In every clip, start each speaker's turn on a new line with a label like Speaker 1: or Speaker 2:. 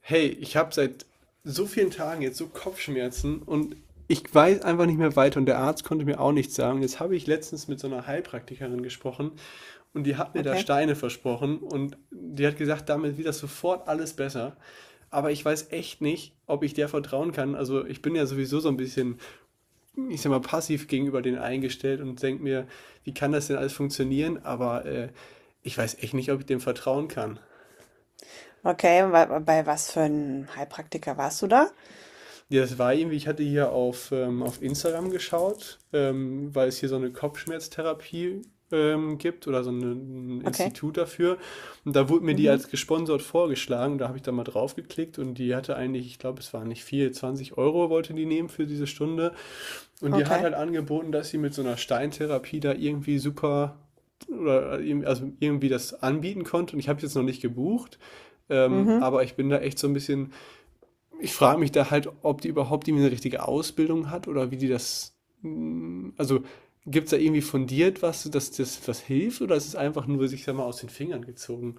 Speaker 1: Hey, ich habe seit so vielen Tagen jetzt so Kopfschmerzen und ich weiß einfach nicht mehr weiter und der Arzt konnte mir auch nichts sagen. Jetzt habe ich letztens mit so einer Heilpraktikerin gesprochen und die hat mir da
Speaker 2: Okay.
Speaker 1: Steine versprochen und die hat gesagt, damit wird das sofort alles besser. Aber ich weiß echt nicht, ob ich der vertrauen kann. Also ich bin ja sowieso so ein bisschen, ich sag mal, passiv gegenüber denen eingestellt und denke mir, wie kann das denn alles funktionieren? Aber ich weiß echt nicht, ob ich dem vertrauen kann.
Speaker 2: Okay, und bei was für einem Heilpraktiker warst du da?
Speaker 1: Ja, das war irgendwie, ich hatte hier auf Instagram geschaut, weil es hier so eine Kopfschmerztherapie gibt oder so eine, ein
Speaker 2: Okay.
Speaker 1: Institut dafür. Und da wurde mir die
Speaker 2: Mhm.
Speaker 1: als gesponsert vorgeschlagen. Da habe ich da mal drauf geklickt und die hatte eigentlich, ich glaube, es war nicht viel, 20 Euro wollte die nehmen für diese Stunde. Und die hat
Speaker 2: Okay.
Speaker 1: halt angeboten, dass sie mit so einer Steintherapie da irgendwie super oder also irgendwie das anbieten konnte. Und ich habe es jetzt noch nicht gebucht.
Speaker 2: Mhm.
Speaker 1: Aber ich bin da echt so ein bisschen, ich frage mich da halt, ob die überhaupt irgendwie eine richtige Ausbildung hat oder wie die das, also, gibt's da irgendwie fundiert was, dass das was hilft oder ist es einfach nur, sich sage mal, aus den Fingern gezogen?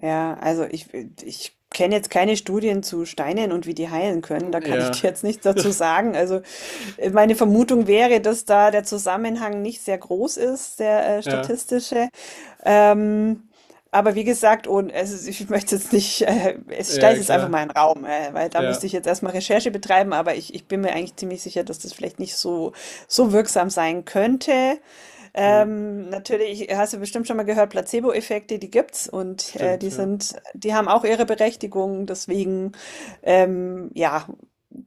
Speaker 2: Ja, also ich kenne jetzt keine Studien zu Steinen und wie die heilen können. Da kann ich
Speaker 1: Ja,
Speaker 2: dir jetzt nichts dazu sagen. Also meine Vermutung wäre, dass da der Zusammenhang nicht sehr groß ist, der
Speaker 1: ja,
Speaker 2: statistische. Ähm, aber wie gesagt, ich möchte jetzt nicht, ich stelle
Speaker 1: ja,
Speaker 2: es jetzt einfach
Speaker 1: klar.
Speaker 2: mal in den Raum, weil da
Speaker 1: Ja,
Speaker 2: müsste ich jetzt erstmal Recherche betreiben, aber ich bin mir eigentlich ziemlich sicher, dass das vielleicht nicht so wirksam sein könnte.
Speaker 1: ja,
Speaker 2: Natürlich hast du bestimmt schon mal gehört, Placebo-Effekte, die gibt's, und
Speaker 1: stimmt, ja.
Speaker 2: die haben auch ihre Berechtigung. Deswegen, ja,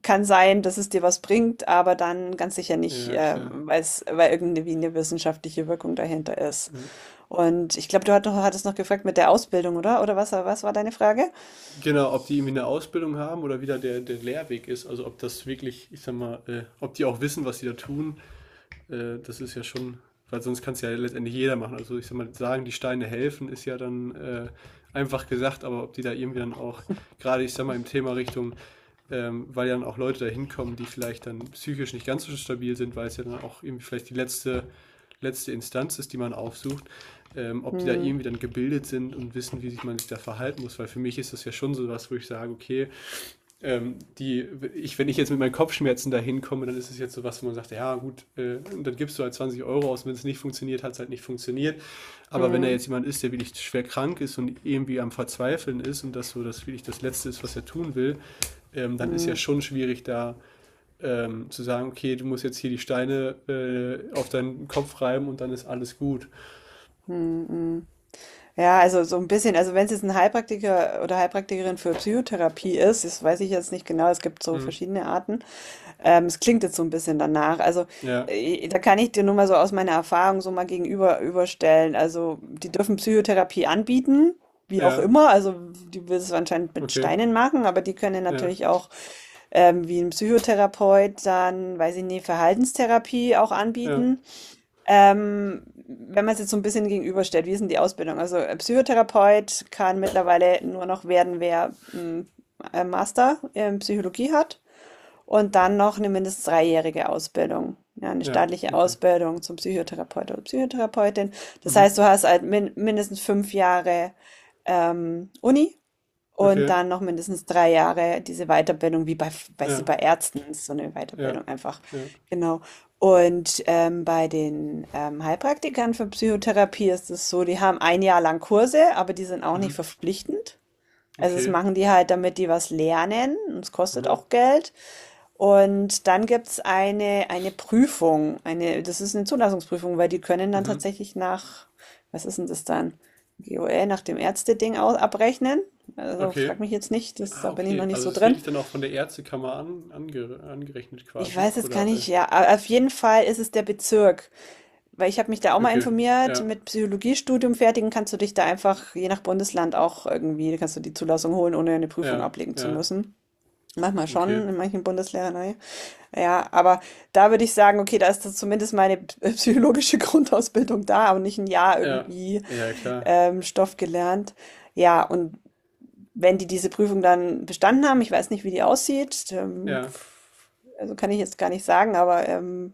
Speaker 2: kann sein, dass es dir was bringt, aber dann ganz sicher nicht,
Speaker 1: Ja, klar.
Speaker 2: weil irgendwie eine wissenschaftliche Wirkung dahinter ist.
Speaker 1: Mhm.
Speaker 2: Und ich glaube, du hattest noch gefragt mit der Ausbildung, oder? Oder was war deine Frage?
Speaker 1: Genau, ob die irgendwie eine Ausbildung haben oder wie da der Lehrweg ist. Also, ob das wirklich, ich sag mal, ob die auch wissen, was sie da tun. Das ist ja schon, weil sonst kann es ja letztendlich jeder machen. Also ich sag mal, sagen, die Steine helfen, ist ja dann einfach gesagt, aber ob die da irgendwie dann auch, gerade ich sag mal, im Thema Richtung, weil ja dann auch Leute da hinkommen, die vielleicht dann psychisch nicht ganz so stabil sind, weil es ja dann auch irgendwie vielleicht die letzte, letzte Instanz ist, die man aufsucht, ob die da
Speaker 2: Hm,
Speaker 1: irgendwie dann gebildet sind und wissen, wie sich man sich da verhalten muss, weil für mich ist das ja schon so was, wo ich sage, okay, ähm, die, wenn ich jetzt mit meinen Kopfschmerzen dahin komme, dann ist es jetzt so was, wo man sagt, ja gut, und dann gibst du halt 20 Euro aus, wenn es nicht funktioniert, hat es halt nicht funktioniert. Aber wenn da
Speaker 2: hm,
Speaker 1: jetzt jemand ist, der wirklich schwer krank ist und irgendwie am Verzweifeln ist und das wirklich das Letzte ist, was er tun will, dann ist ja
Speaker 2: hm,
Speaker 1: schon schwierig da zu sagen, okay, du musst jetzt hier die Steine auf deinen Kopf reiben und dann ist alles gut.
Speaker 2: hm, hm. Hm. Ja, also so ein bisschen, also wenn es jetzt ein Heilpraktiker oder Heilpraktikerin für Psychotherapie ist, das weiß ich jetzt nicht genau, es gibt so
Speaker 1: Mhm.
Speaker 2: verschiedene Arten. Es klingt jetzt so ein bisschen danach. Also
Speaker 1: Ja,
Speaker 2: da kann ich dir nur mal so aus meiner Erfahrung so mal gegenüber überstellen. Also die dürfen Psychotherapie anbieten, wie auch
Speaker 1: ja,
Speaker 2: immer. Also die will es anscheinend mit
Speaker 1: okay,
Speaker 2: Steinen machen, aber die können
Speaker 1: ja,
Speaker 2: natürlich auch wie ein Psychotherapeut dann, weiß ich nicht, Verhaltenstherapie auch
Speaker 1: ja,
Speaker 2: anbieten. Wenn man es jetzt so ein bisschen gegenüberstellt, wie ist denn die Ausbildung? Also, Psychotherapeut kann mittlerweile nur noch werden, wer, Master in Psychologie hat und dann noch eine mindestens dreijährige Ausbildung, ja, 'ne
Speaker 1: ja,
Speaker 2: staatliche
Speaker 1: okay.
Speaker 2: Ausbildung zum Psychotherapeut oder Psychotherapeutin. Das
Speaker 1: Mhm.
Speaker 2: heißt, du hast halt mindestens 5 Jahre Uni und
Speaker 1: Okay,
Speaker 2: dann noch mindestens 3 Jahre diese Weiterbildung, wie bei, weißt du,
Speaker 1: ja.
Speaker 2: bei Ärzten ist so eine
Speaker 1: Ja,
Speaker 2: Weiterbildung einfach.
Speaker 1: ja.
Speaker 2: Genau. Und bei den Heilpraktikern für Psychotherapie ist es so, die haben ein Jahr lang Kurse, aber die sind auch nicht
Speaker 1: Mhm.
Speaker 2: verpflichtend. Also das
Speaker 1: Okay.
Speaker 2: machen die halt, damit die was lernen. Und es kostet
Speaker 1: Mhm.
Speaker 2: auch Geld. Und dann gibt's eine Prüfung, eine das ist eine Zulassungsprüfung, weil die können dann
Speaker 1: Mhm.
Speaker 2: tatsächlich nach — was ist denn das dann? — GOL nach dem Ärzteding au abrechnen. Also,
Speaker 1: Okay.
Speaker 2: frag mich jetzt nicht, das,
Speaker 1: Ah,
Speaker 2: da bin ich noch
Speaker 1: okay.
Speaker 2: nicht
Speaker 1: Also
Speaker 2: so
Speaker 1: es ist
Speaker 2: drin.
Speaker 1: wirklich dann auch von der Ärztekammer angerechnet
Speaker 2: Ich
Speaker 1: quasi.
Speaker 2: weiß jetzt gar
Speaker 1: Oder,
Speaker 2: nicht, ja, a auf jeden Fall ist es der Bezirk, weil ich habe mich da auch mal
Speaker 1: okay.
Speaker 2: informiert,
Speaker 1: Ja,
Speaker 2: mit Psychologiestudium fertigen kannst du dich da einfach je nach Bundesland auch irgendwie kannst du die Zulassung holen, ohne eine Prüfung
Speaker 1: ja,
Speaker 2: ablegen zu
Speaker 1: ja.
Speaker 2: müssen. Manchmal
Speaker 1: Okay.
Speaker 2: schon, in manchen Bundesländern, ne? Ja, aber da würde ich sagen, okay, da ist das zumindest meine psychologische Grundausbildung da und nicht ein Jahr
Speaker 1: Ja,
Speaker 2: irgendwie
Speaker 1: ja, klar.
Speaker 2: Stoff gelernt. Ja, und wenn die diese Prüfung dann bestanden haben, ich weiß nicht, wie die aussieht,
Speaker 1: Ja,
Speaker 2: also kann ich jetzt gar nicht sagen, aber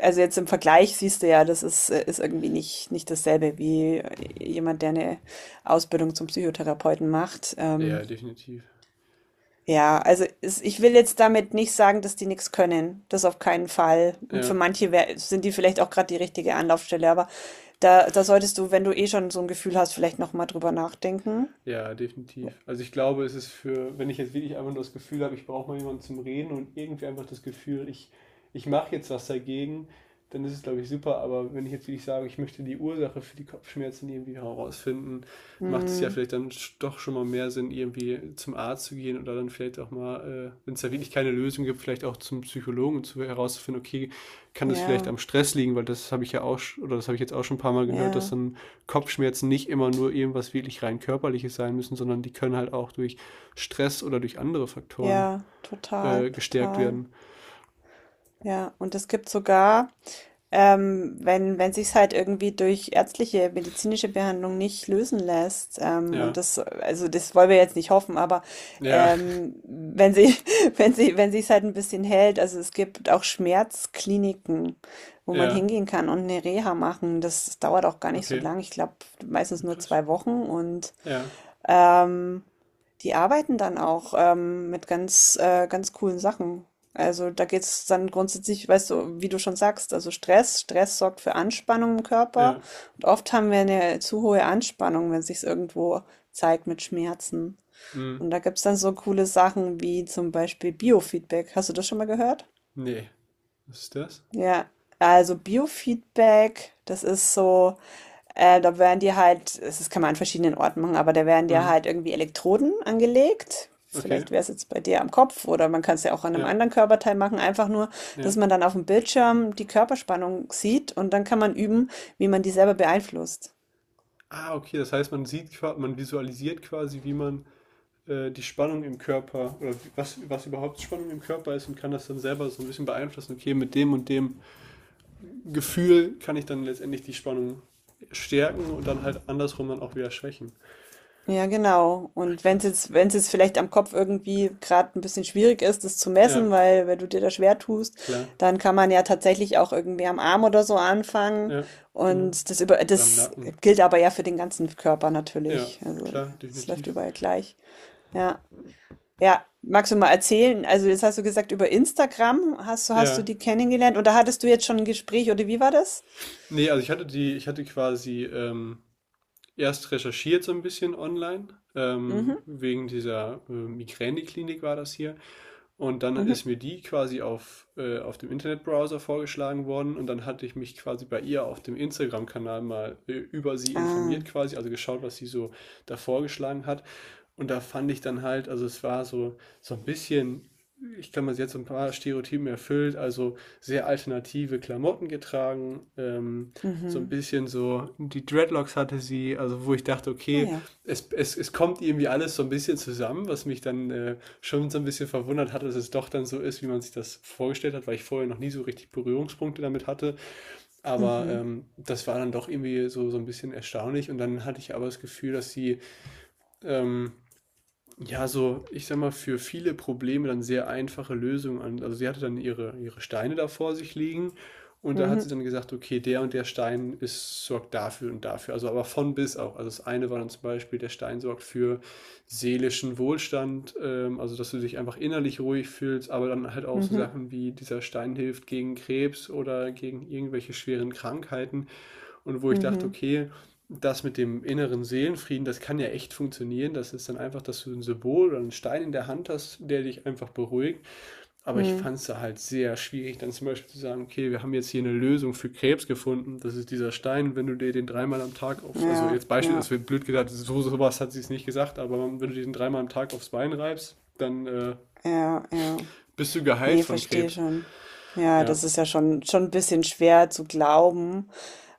Speaker 2: also jetzt im Vergleich siehst du ja, das ist, ist irgendwie nicht, nicht dasselbe wie jemand, der eine Ausbildung zum Psychotherapeuten macht.
Speaker 1: ja, definitiv.
Speaker 2: Ja, also es, ich will jetzt damit nicht sagen, dass die nichts können. Das auf keinen Fall. Und für
Speaker 1: Ja.
Speaker 2: manche wär, sind die vielleicht auch gerade die richtige Anlaufstelle. Aber da solltest du, wenn du eh schon so ein Gefühl hast, vielleicht nochmal drüber nachdenken.
Speaker 1: Ja, definitiv. Also ich glaube, es ist für, wenn ich jetzt wirklich einfach nur das Gefühl habe, ich brauche mal jemanden zum Reden und irgendwie einfach das Gefühl, ich mache jetzt was dagegen, dann ist es, glaube ich, super. Aber wenn ich jetzt wirklich sage, ich möchte die Ursache für die Kopfschmerzen irgendwie herausfinden, macht es ja
Speaker 2: Hm,
Speaker 1: vielleicht dann doch schon mal mehr Sinn, irgendwie zum Arzt zu gehen oder dann vielleicht auch mal, wenn es da wirklich keine Lösung gibt, vielleicht auch zum Psychologen zu herauszufinden, okay, kann das vielleicht
Speaker 2: ja,
Speaker 1: am Stress liegen, weil das habe ich ja auch, oder das habe ich jetzt auch schon ein paar Mal gehört, dass
Speaker 2: ja,
Speaker 1: dann Kopfschmerzen nicht immer nur irgendwas wirklich rein körperliches sein müssen, sondern die können halt auch durch Stress oder durch andere Faktoren
Speaker 2: ja, total,
Speaker 1: äh, gestärkt
Speaker 2: total.
Speaker 1: werden.
Speaker 2: Ja, und es gibt sogar. Wenn sich's halt irgendwie durch ärztliche, medizinische Behandlung nicht lösen lässt, und
Speaker 1: Ja,
Speaker 2: das, also das wollen wir jetzt nicht hoffen, aber
Speaker 1: ja,
Speaker 2: wenn sie, wenn sich's halt ein bisschen hält, also es gibt auch Schmerzkliniken, wo man
Speaker 1: ja,
Speaker 2: hingehen kann und eine Reha machen. Das dauert auch gar nicht so
Speaker 1: okay.
Speaker 2: lang. Ich glaube, meistens
Speaker 1: Ja,
Speaker 2: nur
Speaker 1: krass.
Speaker 2: 2 Wochen, und
Speaker 1: Ja,
Speaker 2: ähm, die arbeiten dann auch mit ganz coolen Sachen. Also da geht es dann grundsätzlich, weißt du, wie du schon sagst, also Stress, Stress sorgt für Anspannung im Körper.
Speaker 1: ja.
Speaker 2: Und oft haben wir eine zu hohe Anspannung, wenn sich's irgendwo zeigt mit Schmerzen.
Speaker 1: Hm.
Speaker 2: Und da gibt es dann so coole Sachen wie zum Beispiel Biofeedback. Hast du das schon mal gehört?
Speaker 1: Nee. Was ist das?
Speaker 2: Ja, also Biofeedback, das ist so. Da werden dir halt, das kann man an verschiedenen Orten machen, aber da werden dir
Speaker 1: Hm.
Speaker 2: halt irgendwie Elektroden angelegt.
Speaker 1: Okay.
Speaker 2: Vielleicht wäre es jetzt bei dir am Kopf, oder man kann es ja auch an einem
Speaker 1: Ja,
Speaker 2: anderen Körperteil machen. Einfach nur,
Speaker 1: ja.
Speaker 2: dass man dann auf dem Bildschirm die Körperspannung sieht und dann kann man üben, wie man die selber beeinflusst.
Speaker 1: Ah, okay. Das heißt, man sieht, man visualisiert quasi, wie man die Spannung im Körper oder was, was überhaupt Spannung im Körper ist und kann das dann selber so ein bisschen beeinflussen. Okay, mit dem und dem Gefühl kann ich dann letztendlich die Spannung stärken und dann halt andersrum dann auch wieder schwächen.
Speaker 2: Ja, genau.
Speaker 1: Ach,
Speaker 2: Und wenn es
Speaker 1: krass.
Speaker 2: jetzt, wenn es jetzt vielleicht am Kopf irgendwie gerade ein bisschen schwierig ist, das zu
Speaker 1: Ja,
Speaker 2: messen, weil wenn du dir da schwer tust,
Speaker 1: klar.
Speaker 2: dann kann man ja tatsächlich auch irgendwie am Arm oder so anfangen.
Speaker 1: Ja, genau.
Speaker 2: Und
Speaker 1: Oder am
Speaker 2: das
Speaker 1: Nacken.
Speaker 2: gilt aber ja für den ganzen Körper
Speaker 1: Ja,
Speaker 2: natürlich. Also
Speaker 1: klar,
Speaker 2: es läuft
Speaker 1: definitiv.
Speaker 2: überall gleich. Ja. Ja, magst du mal erzählen? Also jetzt hast du gesagt, über Instagram hast du
Speaker 1: Ja.
Speaker 2: die kennengelernt, oder hattest du jetzt schon ein Gespräch, oder wie war das?
Speaker 1: Nee, also ich hatte die, ich hatte quasi erst recherchiert so ein bisschen online,
Speaker 2: Mhm.
Speaker 1: wegen dieser Migräneklinik war das hier. Und dann ist
Speaker 2: Mhm.
Speaker 1: mir die quasi auf dem Internetbrowser vorgeschlagen worden und dann hatte ich mich quasi bei ihr auf dem Instagram-Kanal mal über sie
Speaker 2: Ah.
Speaker 1: informiert quasi, also geschaut, was sie so da vorgeschlagen hat. Und da fand ich dann halt, also es war so, so ein bisschen, ich kann man jetzt so ein paar Stereotypen erfüllt, also sehr alternative Klamotten getragen, so ein
Speaker 2: Mhm.
Speaker 1: bisschen so, die Dreadlocks hatte sie, also wo ich dachte, okay,
Speaker 2: Naja.
Speaker 1: es kommt irgendwie alles so ein bisschen zusammen, was mich dann schon so ein bisschen verwundert hat, dass es doch dann so ist, wie man sich das vorgestellt hat, weil ich vorher noch nie so richtig Berührungspunkte damit hatte. Aber
Speaker 2: Mhm.
Speaker 1: das war dann doch irgendwie so, so ein bisschen erstaunlich. Und dann hatte ich aber das Gefühl, dass sie ähm, ja, so, ich sag mal, für viele Probleme dann sehr einfache Lösungen an. Also sie hatte dann ihre Steine da vor sich liegen und da hat sie
Speaker 2: Mhm.
Speaker 1: dann gesagt, okay, der und der Stein ist, sorgt dafür und dafür. Also aber von bis auch. Also das eine war dann zum Beispiel, der Stein sorgt für seelischen Wohlstand, also dass du dich einfach innerlich ruhig fühlst, aber dann halt auch so
Speaker 2: Mhm.
Speaker 1: Sachen wie dieser Stein hilft gegen Krebs oder gegen irgendwelche schweren Krankheiten. Und wo ich dachte,
Speaker 2: Mhm.
Speaker 1: okay, das mit dem inneren Seelenfrieden, das kann ja echt funktionieren. Das ist dann einfach, dass du ein Symbol oder einen Stein in der Hand hast, der dich einfach beruhigt. Aber ich
Speaker 2: Mhm.
Speaker 1: fand es da halt sehr schwierig, dann zum Beispiel zu sagen, okay, wir haben jetzt hier eine Lösung für Krebs gefunden. Das ist dieser Stein, wenn du dir den 3-mal am Tag aufs, also
Speaker 2: Ja,
Speaker 1: jetzt Beispiel, es
Speaker 2: ja,
Speaker 1: wird blöd gesagt, so sowas hat sie es nicht gesagt, aber wenn du dir den dreimal am Tag aufs Bein reibst, dann
Speaker 2: ja, ja.
Speaker 1: bist du geheilt
Speaker 2: Ne,
Speaker 1: von
Speaker 2: verstehe
Speaker 1: Krebs.
Speaker 2: schon. Ja,
Speaker 1: Ja,
Speaker 2: das ist ja schon 'n bisschen schwer zu glauben,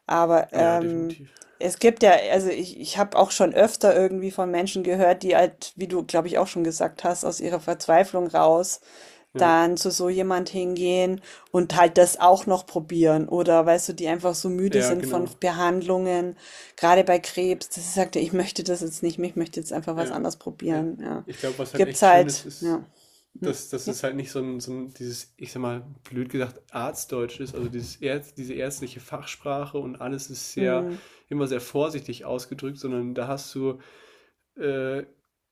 Speaker 2: aber,
Speaker 1: ja, definitiv.
Speaker 2: es gibt ja also, ich habe auch schon öfter irgendwie von Menschen gehört, die halt, wie du, glaube ich, auch schon gesagt hast, aus ihrer Verzweiflung raus
Speaker 1: Ja,
Speaker 2: dann zu so jemand hingehen und halt das auch noch probieren, oder weißt du, die einfach so müde
Speaker 1: ja,
Speaker 2: sind von
Speaker 1: genau.
Speaker 2: Behandlungen, gerade bei Krebs, dass sie sagte: „Ich möchte das jetzt nicht mehr, ich möchte jetzt einfach was
Speaker 1: Ja,
Speaker 2: anderes
Speaker 1: ja.
Speaker 2: probieren“, ja.
Speaker 1: Ich glaube, was halt
Speaker 2: Gibt's
Speaker 1: echt schön ist,
Speaker 2: halt,
Speaker 1: ist,
Speaker 2: ja. Hm,
Speaker 1: dass, dass
Speaker 2: ja.
Speaker 1: es halt nicht so ein, so ein, dieses, ich sag mal, blöd gesagt, Arztdeutsch ist, also diese ärztliche Fachsprache und alles ist sehr,
Speaker 2: Mhm.
Speaker 1: immer sehr vorsichtig ausgedrückt, sondern da hast du äh,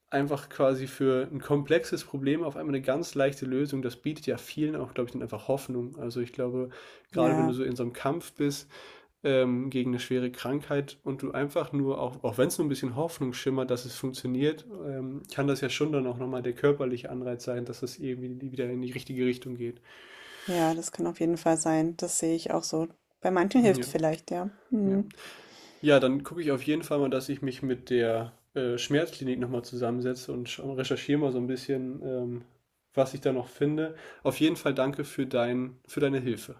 Speaker 1: einfach quasi für ein komplexes Problem auf einmal eine ganz leichte Lösung. Das bietet ja vielen auch, glaube ich, dann einfach Hoffnung. Also ich glaube, gerade wenn du
Speaker 2: Ja,
Speaker 1: so in so einem Kampf bist, gegen eine schwere Krankheit und du einfach nur auch wenn es nur ein bisschen Hoffnung schimmert, dass es funktioniert, kann das ja schon dann auch noch mal der körperliche Anreiz sein, dass es irgendwie wieder in die richtige Richtung geht.
Speaker 2: ja, das kann auf jeden Fall sein. Das sehe ich auch so. Bei manchen hilft
Speaker 1: Ja,
Speaker 2: vielleicht, ja.
Speaker 1: ja.
Speaker 2: Mhm.
Speaker 1: Ja, dann gucke ich auf jeden Fall mal, dass ich mich mit der Schmerzklinik noch mal zusammensetze und schau recherchiere mal so ein bisschen, was ich da noch finde. Auf jeden Fall danke für dein für deine Hilfe.